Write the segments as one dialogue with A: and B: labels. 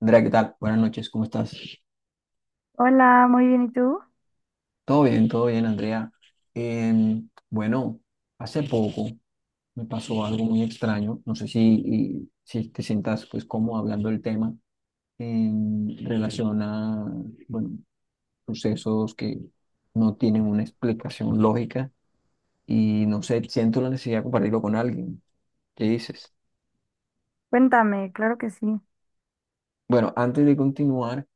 A: Andrea, ¿qué tal? Buenas noches, ¿cómo estás?
B: Hola, muy bien, ¿y tú?
A: Todo bien, Andrea. Bueno, hace poco me pasó algo muy extraño. No sé si te sientas pues cómodo hablando del tema en relación a, bueno, sucesos que no tienen una explicación lógica y no sé, siento la necesidad de compartirlo con alguien. ¿Qué dices?
B: Cuéntame, claro que sí.
A: Bueno, antes de continuar,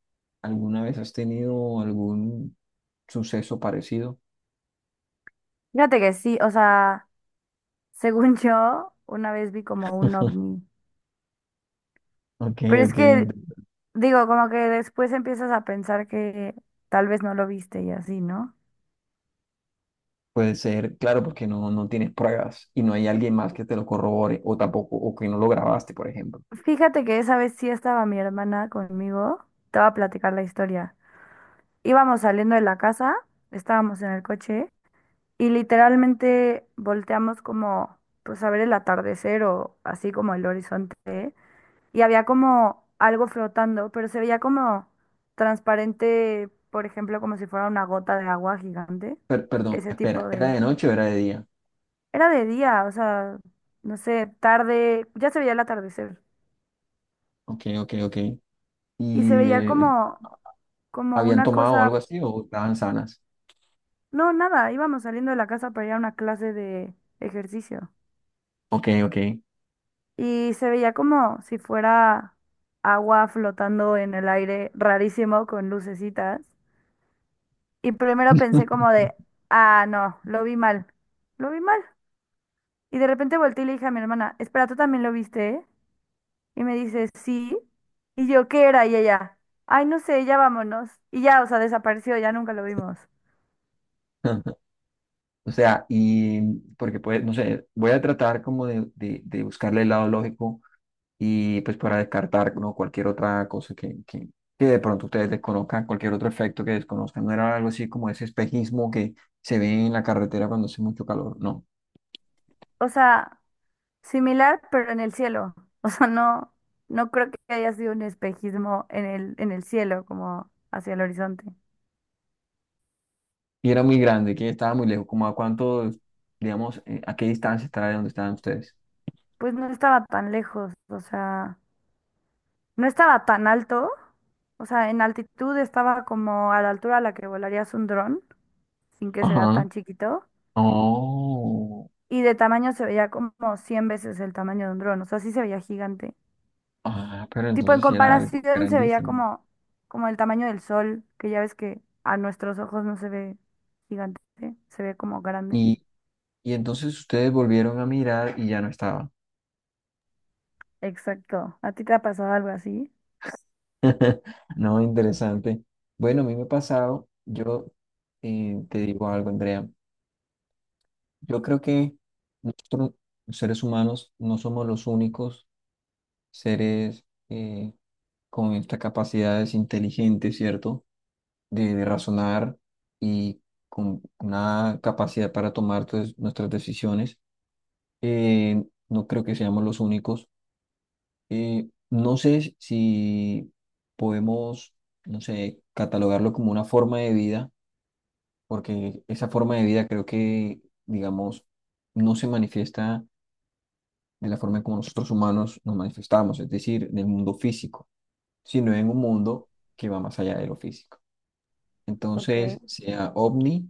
A: ¿alguna vez has tenido algún suceso parecido?
B: Fíjate que sí, según yo, una vez vi como un ovni.
A: Ok,
B: Pero es
A: ok.
B: que, digo, como que después empiezas a pensar que tal vez no lo viste y así, ¿no?
A: Puede ser, claro, porque no, no tienes pruebas y no hay alguien más que te lo corrobore o tampoco, o que no lo grabaste, por ejemplo.
B: Fíjate que esa vez sí estaba mi hermana conmigo, te voy a platicar la historia. Íbamos saliendo de la casa, estábamos en el coche y literalmente volteamos como, pues a ver el atardecer o así como el horizonte. Y había como algo flotando, pero se veía como transparente, por ejemplo, como si fuera una gota de agua gigante.
A: Perdón,
B: Ese tipo
A: espera, ¿era
B: de...
A: de noche o era de día?
B: Era de día, o sea, no sé, tarde, ya se veía el atardecer.
A: Ok, ok, ok.
B: Y se
A: ¿Y
B: veía como, como
A: habían
B: una
A: tomado algo
B: cosa...
A: así o estaban sanas?
B: No, nada, íbamos saliendo de la casa para ir a una clase de ejercicio.
A: Ok, ok.
B: Y se veía como si fuera agua flotando en el aire, rarísimo, con lucecitas. Y primero pensé como de, ah, no, lo vi mal, lo vi mal. Y de repente volteé y le dije a mi hermana, espera, ¿tú también lo viste, ¿eh?". Y me dice, sí. Y yo, ¿qué era? Y ella, ay, no sé, ya vámonos. Y ya, o sea, desapareció, ya nunca lo vimos.
A: O sea, y porque pues, no sé, voy a tratar como de buscarle el lado lógico y pues para descartar, ¿no? Cualquier otra cosa que de pronto ustedes desconozcan, cualquier otro efecto que desconozcan. No era algo así como ese espejismo que se ve en la carretera cuando hace mucho calor, no.
B: O sea, similar, pero en el cielo. O sea, no, no creo que haya sido un espejismo en el cielo, como hacia el horizonte.
A: Y era muy grande, que estaba muy lejos, como a cuánto, digamos, a qué distancia estará de donde estaban ustedes.
B: Pues no estaba tan lejos, o sea... No estaba tan alto, o sea, en altitud estaba como a la altura a la que volarías un dron, sin que se vea
A: Ajá.
B: tan chiquito,
A: Oh,
B: y de tamaño se veía como 100 veces el tamaño de un dron, o sea, sí se veía gigante.
A: ah, pero
B: Tipo, en
A: entonces sí era algo
B: comparación se veía
A: grandísimo.
B: como, como el tamaño del sol, que ya ves que a nuestros ojos no se ve gigante, se ve como grande.
A: Y, y entonces ustedes volvieron a mirar y ya no estaba.
B: Exacto. ¿A ti te ha pasado algo así?
A: No, interesante. Bueno, a mí me ha pasado, yo te digo algo, Andrea, yo creo que nosotros, los seres humanos, no somos los únicos seres eh, con estas capacidades inteligentes, ¿cierto? De razonar y con una capacidad para tomar pues, nuestras decisiones. Eh, no creo que seamos los únicos. No sé si podemos, no sé, catalogarlo como una forma de vida porque esa forma de vida creo que, digamos, no se manifiesta de la forma como nosotros humanos nos manifestamos, es decir, en el mundo físico, sino en un mundo que va más allá de lo físico.
B: Ok,
A: Entonces, sea ovni,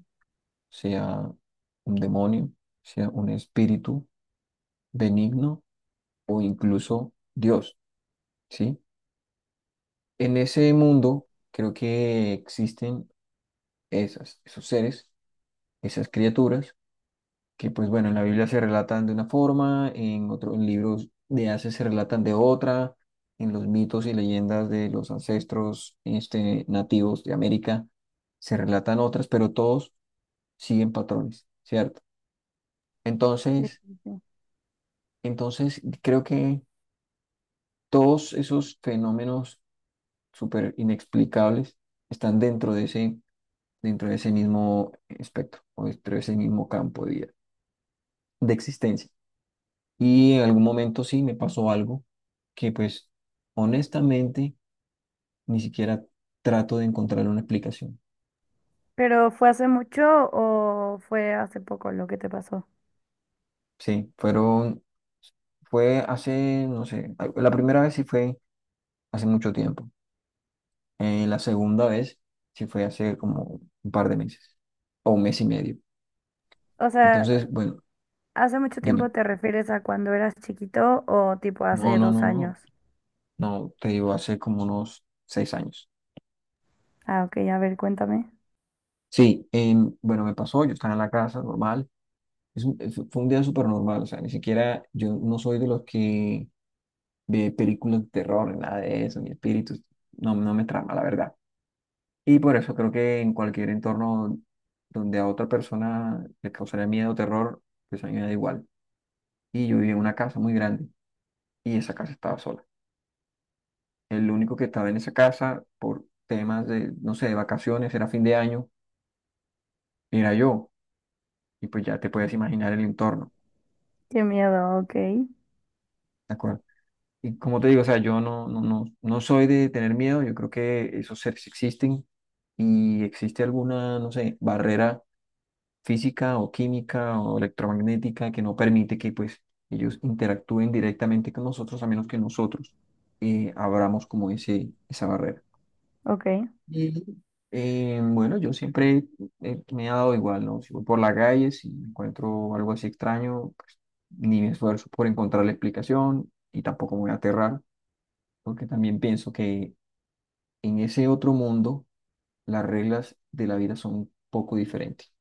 A: sea un demonio, sea un espíritu benigno o incluso Dios, ¿sí? En ese mundo creo que existen esos seres, esas criaturas que pues bueno, en la Biblia se relatan de una forma, en otros libros de hace se relatan de otra, en los mitos y leyendas de los ancestros este, nativos de América se relatan otras, pero todos siguen patrones, ¿cierto?
B: sí,
A: Entonces,
B: sí, sí.
A: entonces, creo que todos esos fenómenos súper inexplicables están dentro de ese mismo espectro o dentro de ese mismo campo de existencia. Y en algún momento sí me pasó algo que pues honestamente ni siquiera trato de encontrar una explicación.
B: ¿Pero fue hace mucho o fue hace poco lo que te pasó?
A: Sí, fue hace, no sé, la primera vez sí fue hace mucho tiempo. La segunda vez sí fue hace como un par de meses o un mes y medio.
B: O sea,
A: Entonces, bueno,
B: ¿Hace mucho
A: dime.
B: tiempo te refieres a cuando eras chiquito o tipo
A: No,
B: hace
A: no,
B: dos
A: no, no.
B: años?
A: No, te digo, hace como unos 6 años.
B: Ah, ok, a ver, cuéntame.
A: Sí, bueno, me pasó, yo estaba en la casa normal. Fue un día súper normal, o sea, ni siquiera yo no soy de los que ve películas de terror, ni nada de eso, ni espíritus, no, no me trama, la verdad. Y por eso creo que en cualquier entorno donde a otra persona le causaría miedo o terror, pues a mí me da igual. Y yo vivía en una casa muy grande y esa casa estaba sola. El único que estaba en esa casa por temas de, no sé, de vacaciones, era fin de año, era yo. Y pues ya te puedes imaginar el entorno.
B: Qué miedo, ok,
A: Y como te digo, o sea, yo no, no, no, no soy de tener miedo, yo creo que esos seres existen y existe alguna, no sé, barrera física o química o electromagnética que no permite que pues ellos interactúen directamente con nosotros a menos que nosotros abramos como esa barrera.
B: ok,
A: Y bueno, yo siempre me he dado igual, ¿no? Si voy por la calle, si encuentro algo así extraño, pues, ni me esfuerzo por encontrar la explicación y tampoco me voy a aterrar porque también pienso que en ese otro mundo las reglas de la vida son un poco diferentes.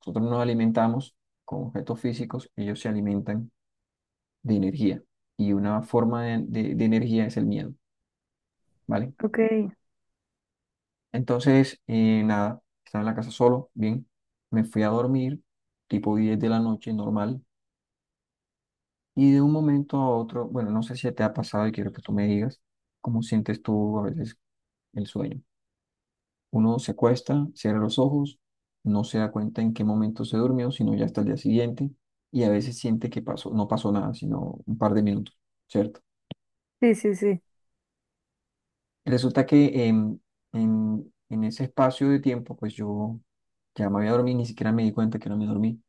A: Nosotros nos alimentamos con objetos físicos, ellos se alimentan de energía y una forma de energía es el miedo, ¿vale?
B: ok.
A: Entonces, nada, estaba en la casa solo, bien, me fui a dormir tipo 10 de la noche, normal, y de un momento a otro, bueno, no sé si te ha pasado y quiero que tú me digas cómo sientes tú a veces el sueño. Uno se acuesta, cierra los ojos, no se da cuenta en qué momento se durmió, sino ya hasta el día siguiente, y a veces siente que pasó, no pasó nada, sino un par de minutos, ¿cierto?
B: Sí, sí, sí,
A: Resulta que en ese espacio de tiempo, pues yo ya me había dormido, ni siquiera me di cuenta que no me dormí.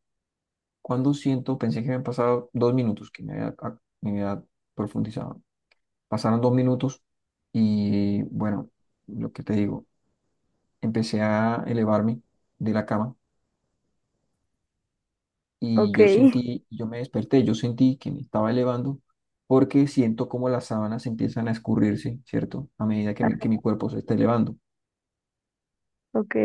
A: Cuando siento, pensé que habían pasado 2 minutos, que me había, me había profundizado. Pasaron 2 minutos y bueno, lo que te digo, empecé a elevarme de la cama y
B: ok,
A: yo sentí, yo me desperté, yo sentí que me estaba elevando porque siento como las sábanas empiezan a escurrirse, ¿cierto? A medida que mi, que mi cuerpo se está elevando.
B: ok.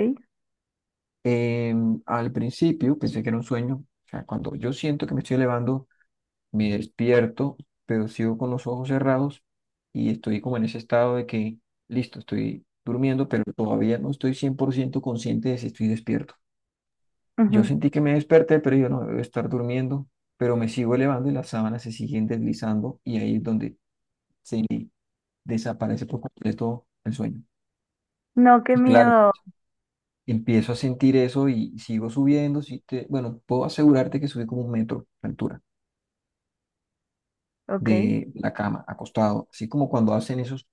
A: Al principio pensé que era un sueño, o sea, cuando yo siento que me estoy elevando, me despierto, pero sigo con los ojos cerrados y estoy como en ese estado de que, listo, estoy durmiendo, pero todavía no estoy 100% consciente de si estoy despierto. Yo
B: Ujú.
A: sentí que me desperté, pero yo no debo estar durmiendo, pero me sigo elevando y las sábanas se siguen deslizando y ahí es donde desaparece por completo el sueño.
B: No, qué
A: Y claro,
B: miedo,
A: empiezo a sentir eso y sigo subiendo. Bueno, puedo asegurarte que subí como 1 metro de altura
B: ok,
A: de la cama, acostado, así como cuando hacen esos,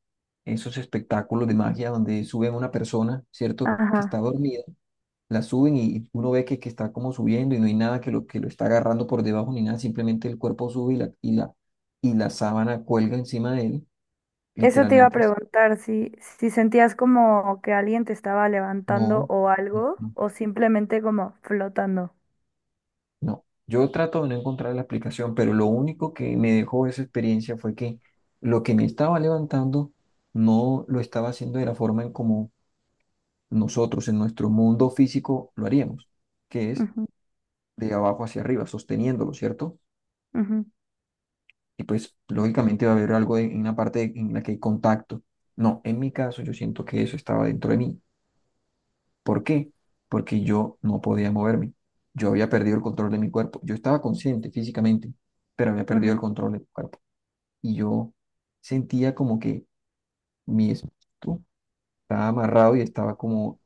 A: esos espectáculos de magia donde suben a una persona, ¿cierto? Que está
B: ajá.
A: dormida la suben y uno ve que, está como subiendo y no hay nada que que lo está agarrando por debajo ni nada, simplemente el cuerpo sube y la sábana cuelga encima de él,
B: Eso te iba a
A: literalmente así.
B: preguntar, si, si sentías como que alguien te estaba levantando
A: No,
B: o
A: no,
B: algo,
A: no,
B: o simplemente como flotando.
A: no. Yo trato de no encontrar la explicación, pero lo único que me dejó esa experiencia fue que lo que me estaba levantando no lo estaba haciendo de la forma en como nosotros en nuestro mundo físico lo haríamos, que es
B: Ujú,
A: de abajo hacia arriba, sosteniéndolo, ¿cierto?
B: ujú,
A: Y pues lógicamente va a haber algo en una parte en la que hay contacto. No, en mi caso yo siento que eso estaba dentro de mí. ¿Por qué? Porque yo no podía moverme. Yo había perdido el control de mi cuerpo. Yo estaba consciente físicamente, pero había perdido el
B: ujú.
A: control de mi cuerpo. Y yo sentía como que mi espíritu estaba amarrado y estaba como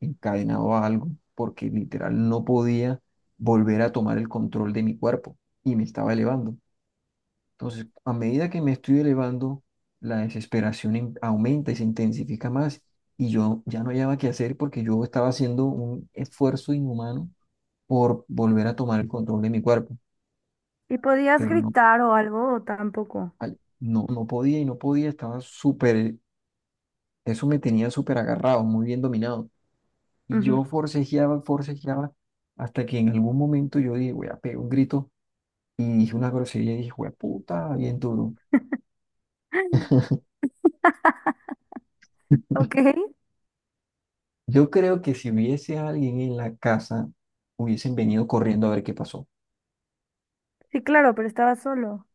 A: encadenado a algo, porque literal no podía volver a tomar el control de mi cuerpo y me estaba elevando. Entonces, a medida que me estoy elevando, la desesperación aumenta y se intensifica más. Y yo ya no hallaba qué hacer porque yo estaba haciendo un esfuerzo inhumano por volver a tomar el control de mi cuerpo,
B: ¿Y podías
A: pero no,
B: gritar o algo o tampoco?
A: ay, no, no podía y no podía, estaba súper, eso me tenía súper agarrado, muy bien dominado. Y
B: Ujú.
A: yo forcejeaba, forcejeaba, hasta que en algún momento yo dije, voy a pegar un grito y dije una grosería y dije, "Jue puta", bien duro.
B: Ok.
A: Yo creo que si hubiese alguien en la casa, hubiesen venido corriendo a ver qué pasó,
B: Sí, claro, pero estaba solo.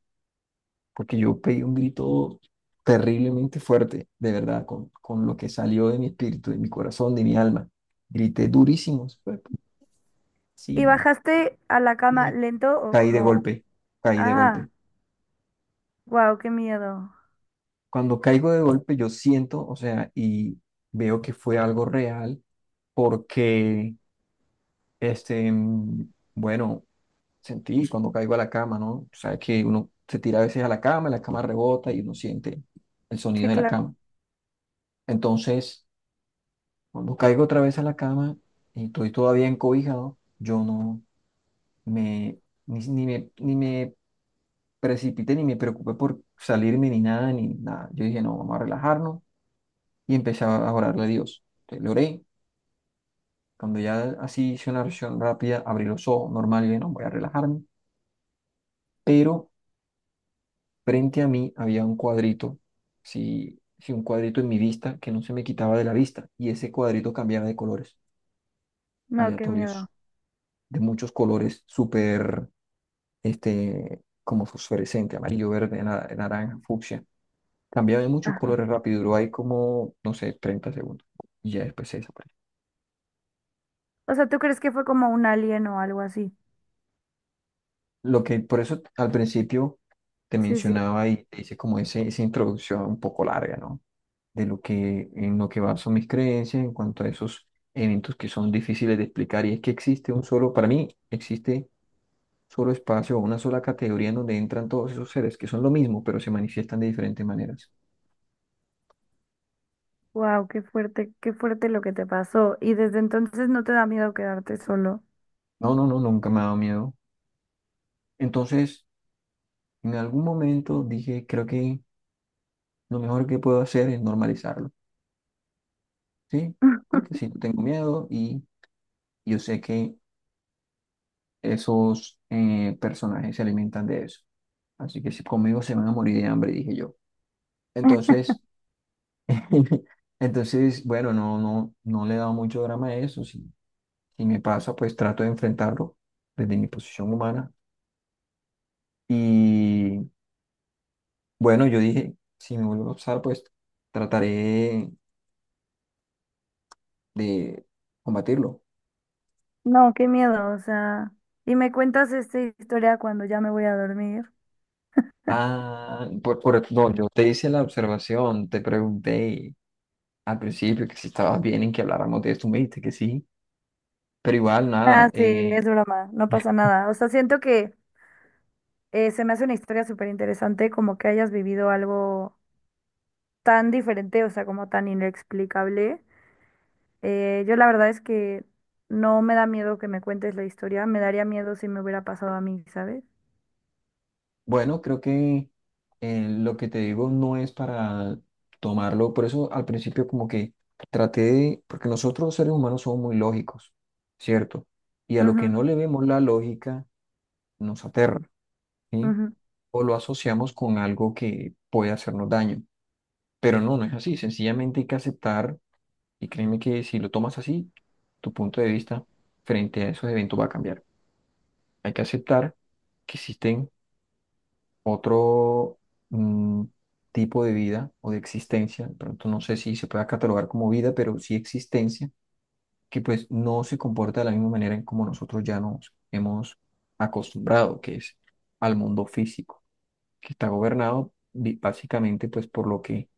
A: porque yo pegué un grito terriblemente fuerte, de verdad, con lo que salió de mi espíritu, de mi corazón, de mi alma. Grité durísimo,
B: ¿Y
A: sí,
B: bajaste a la cama
A: y
B: lento o
A: caí de
B: como,
A: golpe, caí de
B: ah,
A: golpe.
B: wow, qué miedo?
A: Cuando caigo de golpe, yo siento, o sea, y veo que fue algo real, porque, este, bueno. Sentí cuando caigo a la cama, ¿no? O sea, que uno se tira a veces a la cama rebota y uno siente el sonido
B: Sí,
A: de la
B: claro.
A: cama. Entonces, cuando caigo otra vez a la cama y estoy todavía encobijado, yo no me, ni, ni me, ni me precipité, ni me preocupé por salirme, ni nada, ni nada. Yo dije, no, vamos a relajarnos y empecé a orarle a Dios. Entonces, le oré. Cuando ya así hice una oración rápida, abrí los ojos, normal, y dije, no, voy a relajarme. Pero frente a mí había un cuadrito, sí, sí, un cuadrito en mi vista que no se me quitaba de la vista y ese cuadrito cambiaba de colores
B: No, qué
A: aleatorios,
B: miedo.
A: de muchos colores, súper, este, como fosforescente, amarillo, verde, naranja, fucsia. Cambiaba de muchos
B: Ajá.
A: colores rápido, duró ahí como, no sé, 30 segundos y ya después se desapareció.
B: O sea, ¿tú crees que fue como un alien o algo así?
A: Lo que por eso al principio te
B: Sí, sí.
A: mencionaba y te hice como esa introducción un poco larga, ¿no? De lo que, en lo que baso mis creencias en cuanto a esos eventos que son difíciles de explicar. Y es que existe un solo, para mí, existe solo espacio o una sola categoría en donde entran todos esos seres, que son lo mismo, pero se manifiestan de diferentes maneras.
B: Wow, qué fuerte lo que te pasó. Y desde entonces no te da miedo quedarte solo.
A: No, no, no, nunca me ha dado miedo. Entonces, en algún momento dije, creo que lo mejor que puedo hacer es normalizarlo, ¿sí? Porque si yo tengo miedo y yo sé que esos personajes se alimentan de eso. Así que si conmigo se van a morir de hambre, dije yo. Entonces, entonces, bueno, no, no, no le he dado mucho drama a eso. Si, si me pasa, pues trato de enfrentarlo desde mi posición humana. Y bueno, yo dije, si me vuelvo a pasar, pues trataré de combatirlo.
B: No, qué miedo, o sea. Y me cuentas esta historia cuando ya me voy a dormir.
A: No, yo te hice la observación, te pregunté al principio que si estabas bien en que habláramos de esto, me dijiste que sí, pero igual nada.
B: Ah, sí, es broma, no pasa nada. O sea, siento que se me hace una historia súper interesante, como que hayas vivido algo tan diferente, o sea, como tan inexplicable. Yo la verdad es que no me da miedo que me cuentes la historia, me daría miedo si me hubiera pasado a mí, ¿sabes?
A: Bueno, creo que lo que te digo no es para tomarlo, por eso al principio como que traté de, porque nosotros los seres humanos somos muy lógicos, ¿cierto? Y a lo que
B: Ujú,
A: no le vemos la lógica nos aterra, ¿sí?
B: ujú.
A: O lo asociamos con algo que puede hacernos daño, pero no, no es así, sencillamente hay que aceptar y créeme que si lo tomas así, tu punto de vista frente a esos eventos va a cambiar. Hay que aceptar que existen otro mm, tipo de vida o de existencia, de pronto no sé si se pueda catalogar como vida, pero sí existencia, que pues no se comporta de la misma manera en como nosotros ya nos hemos acostumbrado, que es al mundo físico, que está gobernado básicamente pues por lo que,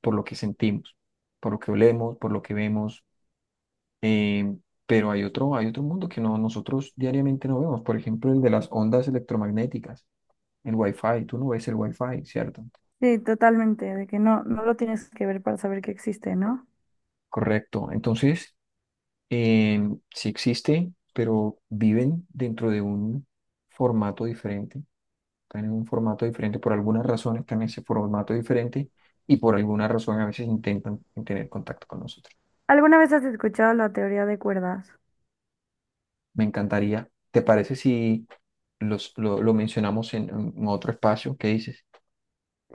A: por lo que sentimos, por lo que olemos, por lo que vemos, eh, pero hay hay otro mundo que nosotros diariamente no vemos, por ejemplo el de las ondas electromagnéticas, el Wi-Fi, tú no ves el Wi-Fi, ¿cierto?
B: Sí, totalmente, de que no, no lo tienes que ver para saber que existe, ¿no?
A: Correcto. Entonces, eh, sí existe, pero viven dentro de un formato diferente. Están en un formato diferente. Por algunas razones están en ese formato diferente y por alguna razón a veces intentan tener contacto con nosotros.
B: ¿Alguna vez has escuchado la teoría de cuerdas?
A: Me encantaría. ¿Te parece si lo mencionamos en otro espacio? ¿Qué dices?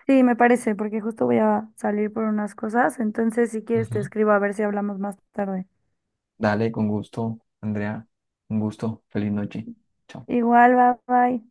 B: Sí, me parece, porque justo voy a salir por unas cosas, entonces si quieres te
A: Ujú.
B: escribo a ver si hablamos más tarde.
A: Dale, con gusto, Andrea. Un gusto. Feliz noche. Chao.
B: Igual, bye bye.